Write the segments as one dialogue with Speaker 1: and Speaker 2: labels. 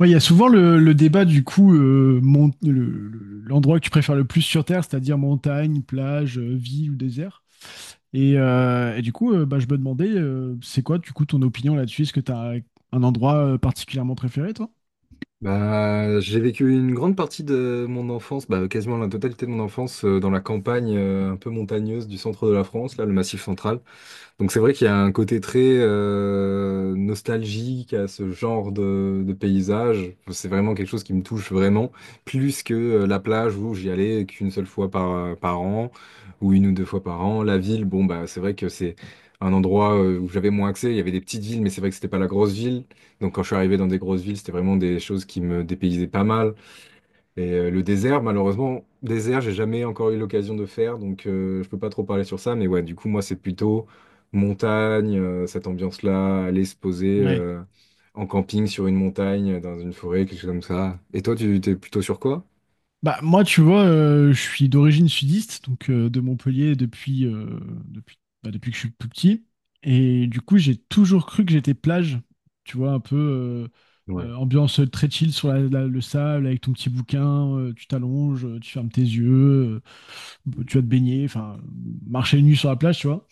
Speaker 1: Ouais, il y a souvent le débat du coup, l'endroit que tu préfères le plus sur Terre, c'est-à-dire montagne, plage, ville ou désert. Et du coup, bah, je me demandais, c'est quoi du coup ton opinion là-dessus? Est-ce que tu as un endroit particulièrement préféré, toi?
Speaker 2: Bah, j'ai vécu une grande partie de mon enfance, bah, quasiment la totalité de mon enfance, dans la campagne un peu montagneuse du centre de la France, là, le Massif central. Donc c'est vrai qu'il y a un côté très nostalgique à ce genre de paysage. C'est vraiment quelque chose qui me touche vraiment, plus que la plage où j'y allais qu'une seule fois par, par an, ou une ou deux fois par an. La ville, bon bah c'est vrai que c'est un endroit où j'avais moins accès. Il y avait des petites villes, mais c'est vrai que c'était pas la grosse ville. Donc quand je suis arrivé dans des grosses villes, c'était vraiment des choses qui me dépaysaient pas mal. Et le désert, malheureusement, désert, j'ai jamais encore eu l'occasion de faire, donc je peux pas trop parler sur ça. Mais ouais, du coup, moi, c'est plutôt montagne, cette ambiance-là, aller se poser en camping sur une montagne, dans une forêt, quelque chose comme ça. Et toi, tu t'es plutôt sur quoi?
Speaker 1: Bah, moi, tu vois, je suis d'origine sudiste, donc de Montpellier depuis, bah, depuis que je suis tout petit. Et du coup, j'ai toujours cru que j'étais plage. Tu vois, un peu
Speaker 2: Ouais,
Speaker 1: ambiance très chill sur le sable, avec ton petit bouquin, tu t'allonges, tu fermes tes yeux, tu vas te baigner, enfin, marcher nu sur la plage, tu vois.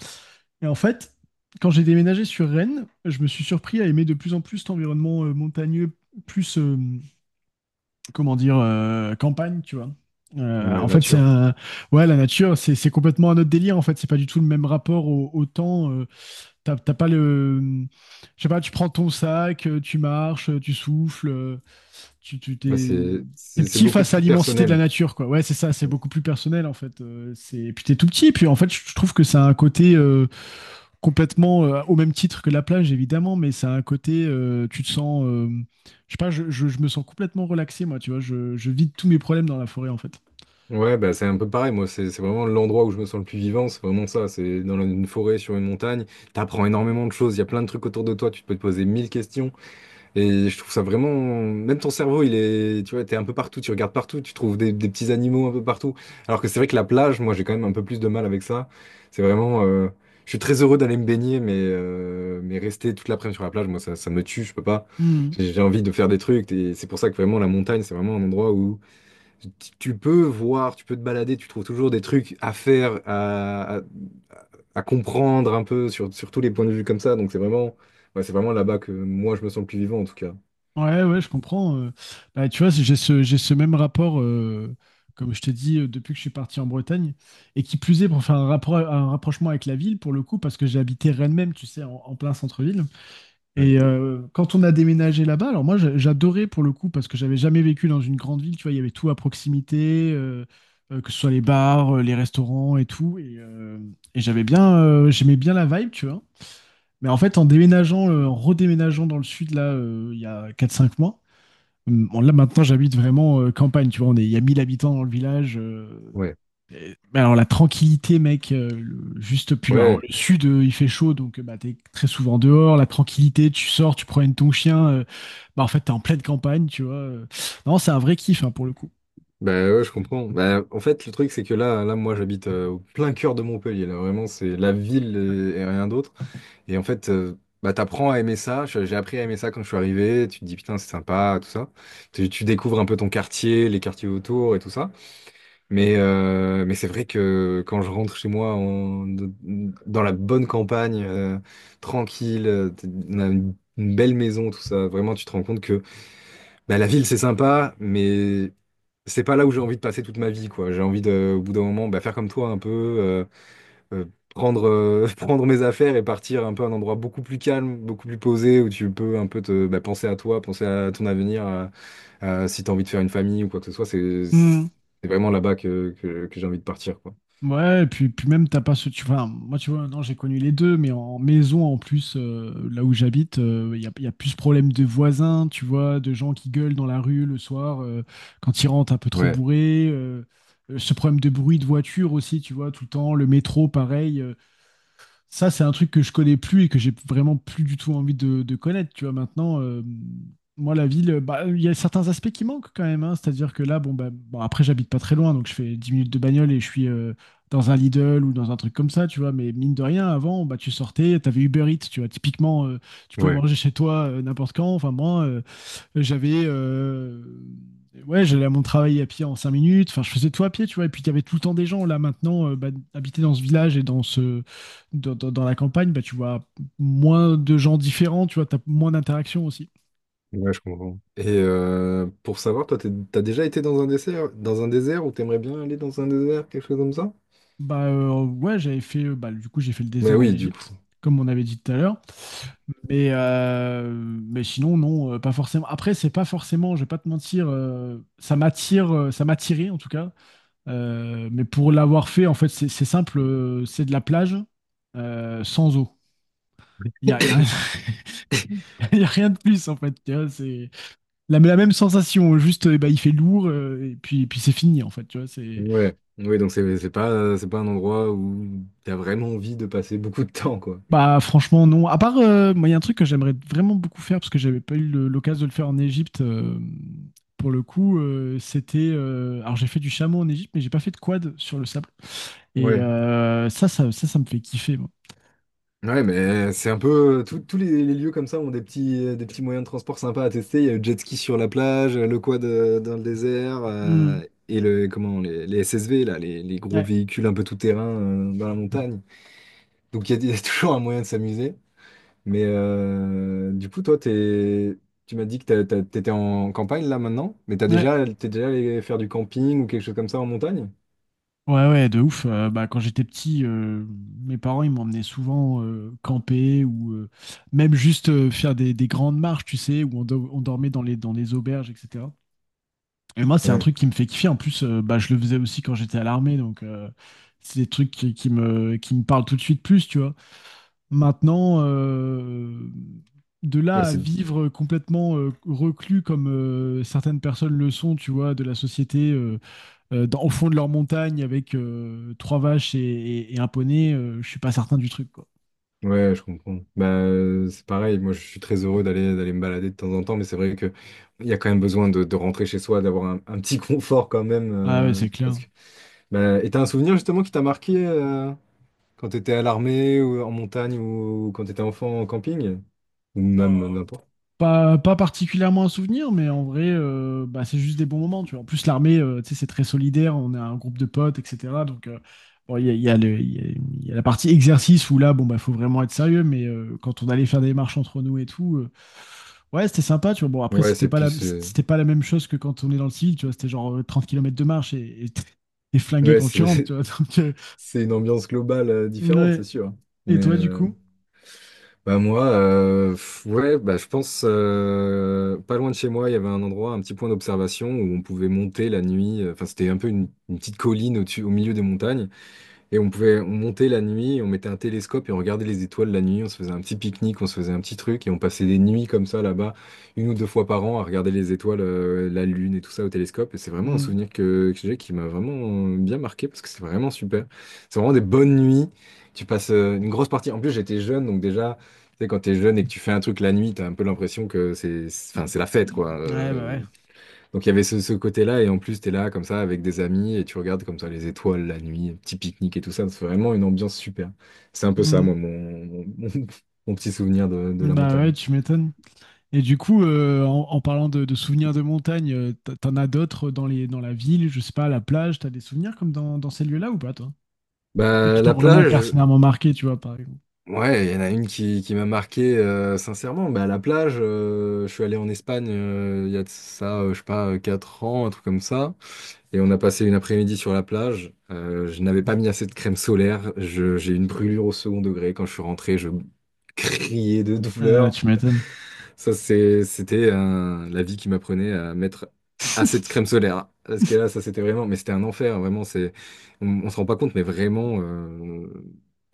Speaker 1: Et en fait, quand j'ai déménagé sur Rennes, je me suis surpris à aimer de plus en plus cet environnement montagneux, plus. Comment dire, campagne, tu vois.
Speaker 2: ouais,
Speaker 1: En fait,
Speaker 2: nature.
Speaker 1: ouais, la nature, c'est complètement un autre délire. En fait, c'est pas du tout le même rapport au temps. T'as pas le, je sais pas, tu prends ton sac, tu marches, tu souffles, tu tu-
Speaker 2: Ouais,
Speaker 1: t'es
Speaker 2: c'est
Speaker 1: t'es
Speaker 2: c'est c'est
Speaker 1: petit
Speaker 2: beaucoup
Speaker 1: face à
Speaker 2: plus
Speaker 1: l'immensité de la
Speaker 2: personnel.
Speaker 1: nature, quoi. Ouais, c'est ça. C'est beaucoup plus personnel, en fait. C'est puis t'es tout petit. Puis en fait, je trouve que ça a un côté complètement au même titre que la plage, évidemment, mais ça a un côté, tu te sens, je sais pas, je me sens complètement relaxé, moi, tu vois, je vide tous mes problèmes dans la forêt, en fait.
Speaker 2: Ouais, bah, c'est un peu pareil. Moi, c'est vraiment l'endroit où je me sens le plus vivant. C'est vraiment ça. C'est dans une forêt, sur une montagne. T'apprends énormément de choses. Il y a plein de trucs autour de toi. Tu peux te poser mille questions. Et je trouve ça vraiment. Même ton cerveau, il est. Tu vois, t'es un peu partout, tu regardes partout, tu trouves des petits animaux un peu partout. Alors que c'est vrai que la plage, moi, j'ai quand même un peu plus de mal avec ça. C'est vraiment. Je suis très heureux d'aller me baigner, mais rester toute l'après-midi sur la plage, moi, ça me tue, je peux pas.
Speaker 1: Hmm.
Speaker 2: J'ai envie de faire des trucs. Et c'est pour ça que vraiment, la montagne, c'est vraiment un endroit où tu peux voir, tu peux te balader, tu trouves toujours des trucs à faire, à comprendre un peu sur tous les points de vue comme ça. Donc c'est vraiment. Ouais, c'est vraiment là-bas que moi, je me sens le plus vivant, en tout cas.
Speaker 1: Ouais, ouais, je comprends. Bah, tu vois, j'ai ce même rapport, comme je t'ai dit, depuis que je suis parti en Bretagne, et qui plus est, pour faire un rapprochement avec la ville, pour le coup, parce que j'ai habité Rennes même, tu sais, en plein centre-ville. Et quand on a déménagé là-bas, alors moi j'adorais pour le coup parce que j'avais jamais vécu dans une grande ville, tu vois, il y avait tout à proximité, que ce soit les bars, les restaurants et tout. Et j'avais bien, j'aimais bien la vibe, tu vois. Mais en fait, en déménageant, en redéménageant dans le sud, là, il y a 4 5 mois, bon, là maintenant j'habite vraiment campagne, tu vois, il y a 1000 habitants dans le village.
Speaker 2: Ouais,
Speaker 1: Mais alors la tranquillité, mec, juste puis alors,
Speaker 2: ouais,
Speaker 1: le sud, il fait chaud, donc bah, t'es très souvent dehors. La tranquillité, tu sors, tu promènes ton chien, bah en fait t'es en pleine campagne, tu vois. Non, c'est un vrai kiff hein, pour le coup.
Speaker 2: bah ouais, je comprends. Bah, en fait, le truc, c'est que moi, j'habite au plein cœur de Montpellier. Là, vraiment, c'est la ville et rien d'autre. Et en fait, bah, t'apprends à aimer ça. J'ai appris à aimer ça quand je suis arrivé. Tu te dis, putain, c'est sympa, tout ça. Tu découvres un peu ton quartier, les quartiers autour et tout ça. Mais c'est vrai que quand je rentre chez moi dans la bonne campagne, tranquille, on a une belle maison, tout ça, vraiment, tu te rends compte que. Bah, la ville, c'est sympa, mais c'est pas là où j'ai envie de passer toute ma vie, quoi. J'ai envie de, au bout d'un moment, bah, faire comme toi un peu, euh, prendre, prendre mes affaires et partir un peu à un endroit beaucoup plus calme, beaucoup plus posé, où tu peux un peu te, bah, penser à toi, penser à ton avenir, à si t'as envie de faire une famille ou quoi que ce soit.
Speaker 1: Hmm.
Speaker 2: C'est vraiment là-bas que j'ai envie de partir, quoi.
Speaker 1: Ouais, puis même, t'as pas ce. Tu, enfin, moi, tu vois, non, j'ai connu les deux, mais en maison, en plus, là où j'habite, y a plus ce problème de voisins, tu vois, de gens qui gueulent dans la rue le soir quand ils rentrent un peu trop
Speaker 2: Ouais,
Speaker 1: bourrés. Ce problème de bruit de voiture aussi, tu vois, tout le temps, le métro, pareil. Ça, c'est un truc que je connais plus et que j'ai vraiment plus du tout envie de connaître. Tu vois, maintenant, moi, la ville, bah, il y a certains aspects qui manquent quand même. Hein. C'est-à-dire que là, bon, bah, bon, après, j'habite pas très loin, donc je fais 10 minutes de bagnole et je suis dans un Lidl ou dans un truc comme ça, tu vois. Mais mine de rien, avant, bah, tu sortais, t'avais Uber Eats, tu vois. Typiquement, tu pouvais
Speaker 2: ouais,
Speaker 1: manger chez toi n'importe quand. Enfin, moi, j'avais. Ouais, j'allais à mon travail à pied en 5 minutes. Enfin, je faisais tout à pied, tu vois. Et puis, il y avait tout le temps des gens. Là, maintenant, bah, habiter dans ce village et dans dans la campagne, bah, tu vois moins de gens différents, tu vois. T'as moins d'interactions aussi.
Speaker 2: ouais, je comprends. Et pour savoir, toi, t'as déjà été dans un désert ou t'aimerais bien aller dans un désert, quelque chose comme ça?
Speaker 1: Bah, ouais, j'avais fait. Bah, du coup, j'ai fait le
Speaker 2: Mais
Speaker 1: désert en
Speaker 2: oui, du coup.
Speaker 1: Égypte, comme on avait dit tout à l'heure. Mais sinon, non, pas forcément. Après, c'est pas forcément, je vais pas te mentir, ça m'attire, ça m'attirait en tout cas. Mais pour l'avoir fait, en fait, c'est simple, c'est de la plage sans eau. Il y a- il y a rien de plus, en fait. Tu vois, c'est la même sensation, juste eh ben, il fait lourd et puis c'est fini, en fait. Tu vois, c'est...
Speaker 2: Ouais. Oui, donc c'est pas un endroit où t'as vraiment envie de passer beaucoup de temps, quoi.
Speaker 1: Bah, franchement, non. À part, moi, il y a un truc que j'aimerais vraiment beaucoup faire parce que j'avais pas eu l'occasion de le faire en Égypte. Pour le coup, c'était. Alors, j'ai fait du chameau en Égypte, mais j'ai pas fait de quad sur le sable. Et
Speaker 2: Ouais.
Speaker 1: ça me fait kiffer, moi.
Speaker 2: Ouais, mais c'est un peu tous les lieux comme ça ont des petits moyens de transport sympas à tester. Il y a le jet ski sur la plage, le quad dans le désert
Speaker 1: Hmm.
Speaker 2: et le comment les SSV là, les gros
Speaker 1: Ouais.
Speaker 2: véhicules un peu tout-terrain dans la montagne. Donc il y a toujours un moyen de s'amuser. Mais du coup, toi, t'es Tu m'as dit que t'étais en campagne là maintenant, mais t'as
Speaker 1: Ouais.
Speaker 2: déjà, t'es déjà allé faire du camping ou quelque chose comme ça en montagne?
Speaker 1: Ouais, ouais, de ouf. Bah, quand j'étais petit, mes parents, ils m'emmenaient souvent camper ou même juste faire des grandes marches, tu sais, où on dormait dans les auberges, etc. Et moi, c'est un
Speaker 2: Ouais,
Speaker 1: truc qui me fait kiffer. En plus, bah, je le faisais aussi quand j'étais à l'armée, donc c'est des trucs qui me parlent tout de suite plus, tu vois. Maintenant, de là
Speaker 2: ouais,
Speaker 1: à
Speaker 2: c'est...
Speaker 1: vivre complètement reclus comme certaines personnes le sont, tu vois, de la société. Au fond de leur montagne avec trois vaches et un poney, je suis pas certain du truc, quoi.
Speaker 2: ouais, je comprends. Bah, c'est pareil, moi je suis très heureux d'aller me balader de temps en temps, mais c'est vrai que il y a quand même besoin de rentrer chez soi, d'avoir un petit confort quand même.
Speaker 1: Ah ouais, c'est
Speaker 2: Parce
Speaker 1: clair.
Speaker 2: que... bah, et t'as un souvenir justement qui t'a marqué quand t'étais à l'armée ou en montagne ou quand t'étais enfant en camping? Ou même
Speaker 1: Oh,
Speaker 2: n'importe.
Speaker 1: pas, pas particulièrement un souvenir, mais en vrai, bah, c'est juste des bons moments. Tu vois. En plus, l'armée, tu sais, c'est très solidaire, on a un groupe de potes, etc. Donc, bon, il y a le- il y a la partie exercice où là, bon, bah, faut vraiment être sérieux, mais quand on allait faire des marches entre nous et tout, ouais, c'était sympa. Tu vois. Bon, après,
Speaker 2: Ouais, c'est plus.
Speaker 1: c'était pas la même chose que quand on est dans le civil, tu vois. C'était genre 30 km de marche et t'es flingué
Speaker 2: Ouais,
Speaker 1: quand tu
Speaker 2: c'est
Speaker 1: rentres, tu vois. Donc,
Speaker 2: c'est une ambiance globale différente, c'est
Speaker 1: ouais.
Speaker 2: sûr.
Speaker 1: Et toi, du
Speaker 2: Mais,
Speaker 1: coup?
Speaker 2: Bah moi, ouais, bah je pense pas loin de chez moi, il y avait un endroit, un petit point d'observation où on pouvait monter la nuit. Enfin, c'était un peu une petite colline au milieu des montagnes et on pouvait, on montait la nuit, on mettait un télescope et on regardait les étoiles la nuit, on se faisait un petit pique-nique, on se faisait un petit truc et on passait des nuits comme ça là-bas, une ou deux fois par an, à regarder les étoiles, la lune et tout ça au télescope. Et c'est vraiment un
Speaker 1: Hmm.
Speaker 2: souvenir que j'ai qui m'a vraiment bien marqué parce que c'est vraiment super. C'est vraiment des bonnes nuits. Tu passes une grosse partie. En plus, j'étais jeune, donc déjà, tu sais, quand t'es jeune et que tu fais un truc la nuit, t'as un peu l'impression que enfin, c'est la fête, quoi.
Speaker 1: Ouais, bah ouais.
Speaker 2: Donc il y avait ce côté-là, et en plus, t'es là comme ça avec des amis, et tu regardes comme ça les étoiles la nuit, petit pique-nique et tout ça. C'est vraiment une ambiance super. C'est un peu ça,
Speaker 1: Hmm.
Speaker 2: moi, mon petit souvenir de la
Speaker 1: Bah ouais,
Speaker 2: montagne.
Speaker 1: tu m'étonnes. Et du coup, en parlant de souvenirs de montagne, t'en as d'autres dans les, dans la ville, je sais pas, à la plage, t'as des souvenirs comme dans, dans ces lieux-là ou pas, toi? Qui
Speaker 2: Bah,
Speaker 1: t'ont
Speaker 2: la
Speaker 1: vraiment
Speaker 2: plage,
Speaker 1: pertinemment marqué, tu vois, par exemple.
Speaker 2: ouais, il y en a une qui m'a marqué, sincèrement. Bah, la plage, je suis allé en Espagne il y a de ça, je sais pas, 4 ans, un truc comme ça. Et on a passé une après-midi sur la plage. Je n'avais pas mis assez de crème solaire. J'ai eu une brûlure au second degré. Quand je suis rentré, je criais de
Speaker 1: Ah ouais,
Speaker 2: douleur.
Speaker 1: tu m'étonnes.
Speaker 2: Ça, c'était la vie qui m'apprenait à mettre assez de crème solaire. Hein. Parce que là, ça, c'était vraiment, mais c'était un enfer, vraiment. C'est, on se rend pas compte, mais vraiment,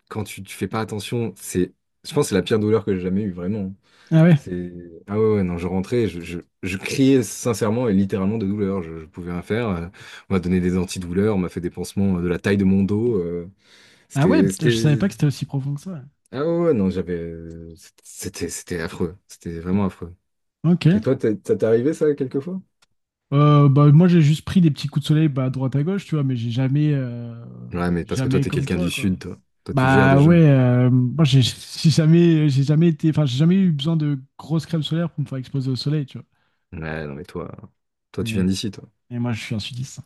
Speaker 2: quand tu fais pas attention, c'est, je pense, que c'est la pire douleur que j'ai jamais eue, vraiment. Hein.
Speaker 1: Ah ouais.
Speaker 2: C'est, ah ouais, ouais, non, je rentrais, je criais sincèrement et littéralement de douleur. Je pouvais rien faire. On m'a donné des antidouleurs, on m'a fait des pansements de la taille de mon dos.
Speaker 1: Ah ouais, putain, je savais pas
Speaker 2: C'était,
Speaker 1: que c'était aussi profond que ça.
Speaker 2: ah ouais, ouais, non, j'avais, c'était affreux. C'était vraiment affreux.
Speaker 1: Ok.
Speaker 2: Et toi, ça t'est arrivé ça quelquefois?
Speaker 1: Bah, moi, j'ai juste pris des petits coups de soleil bah, à droite à gauche, tu vois, mais j'ai jamais,
Speaker 2: Ouais, mais parce que toi,
Speaker 1: jamais
Speaker 2: t'es
Speaker 1: comme
Speaker 2: quelqu'un
Speaker 1: toi,
Speaker 2: du
Speaker 1: quoi.
Speaker 2: sud, toi. Toi, tu gères
Speaker 1: Bah
Speaker 2: déjà.
Speaker 1: ouais, moi, j'ai jamais été, enfin, j'ai jamais eu besoin de grosses crèmes solaires pour me faire exploser au soleil, tu
Speaker 2: Ouais, non, mais toi, toi,
Speaker 1: vois.
Speaker 2: tu viens d'ici, toi.
Speaker 1: Et moi, je suis un sudiste.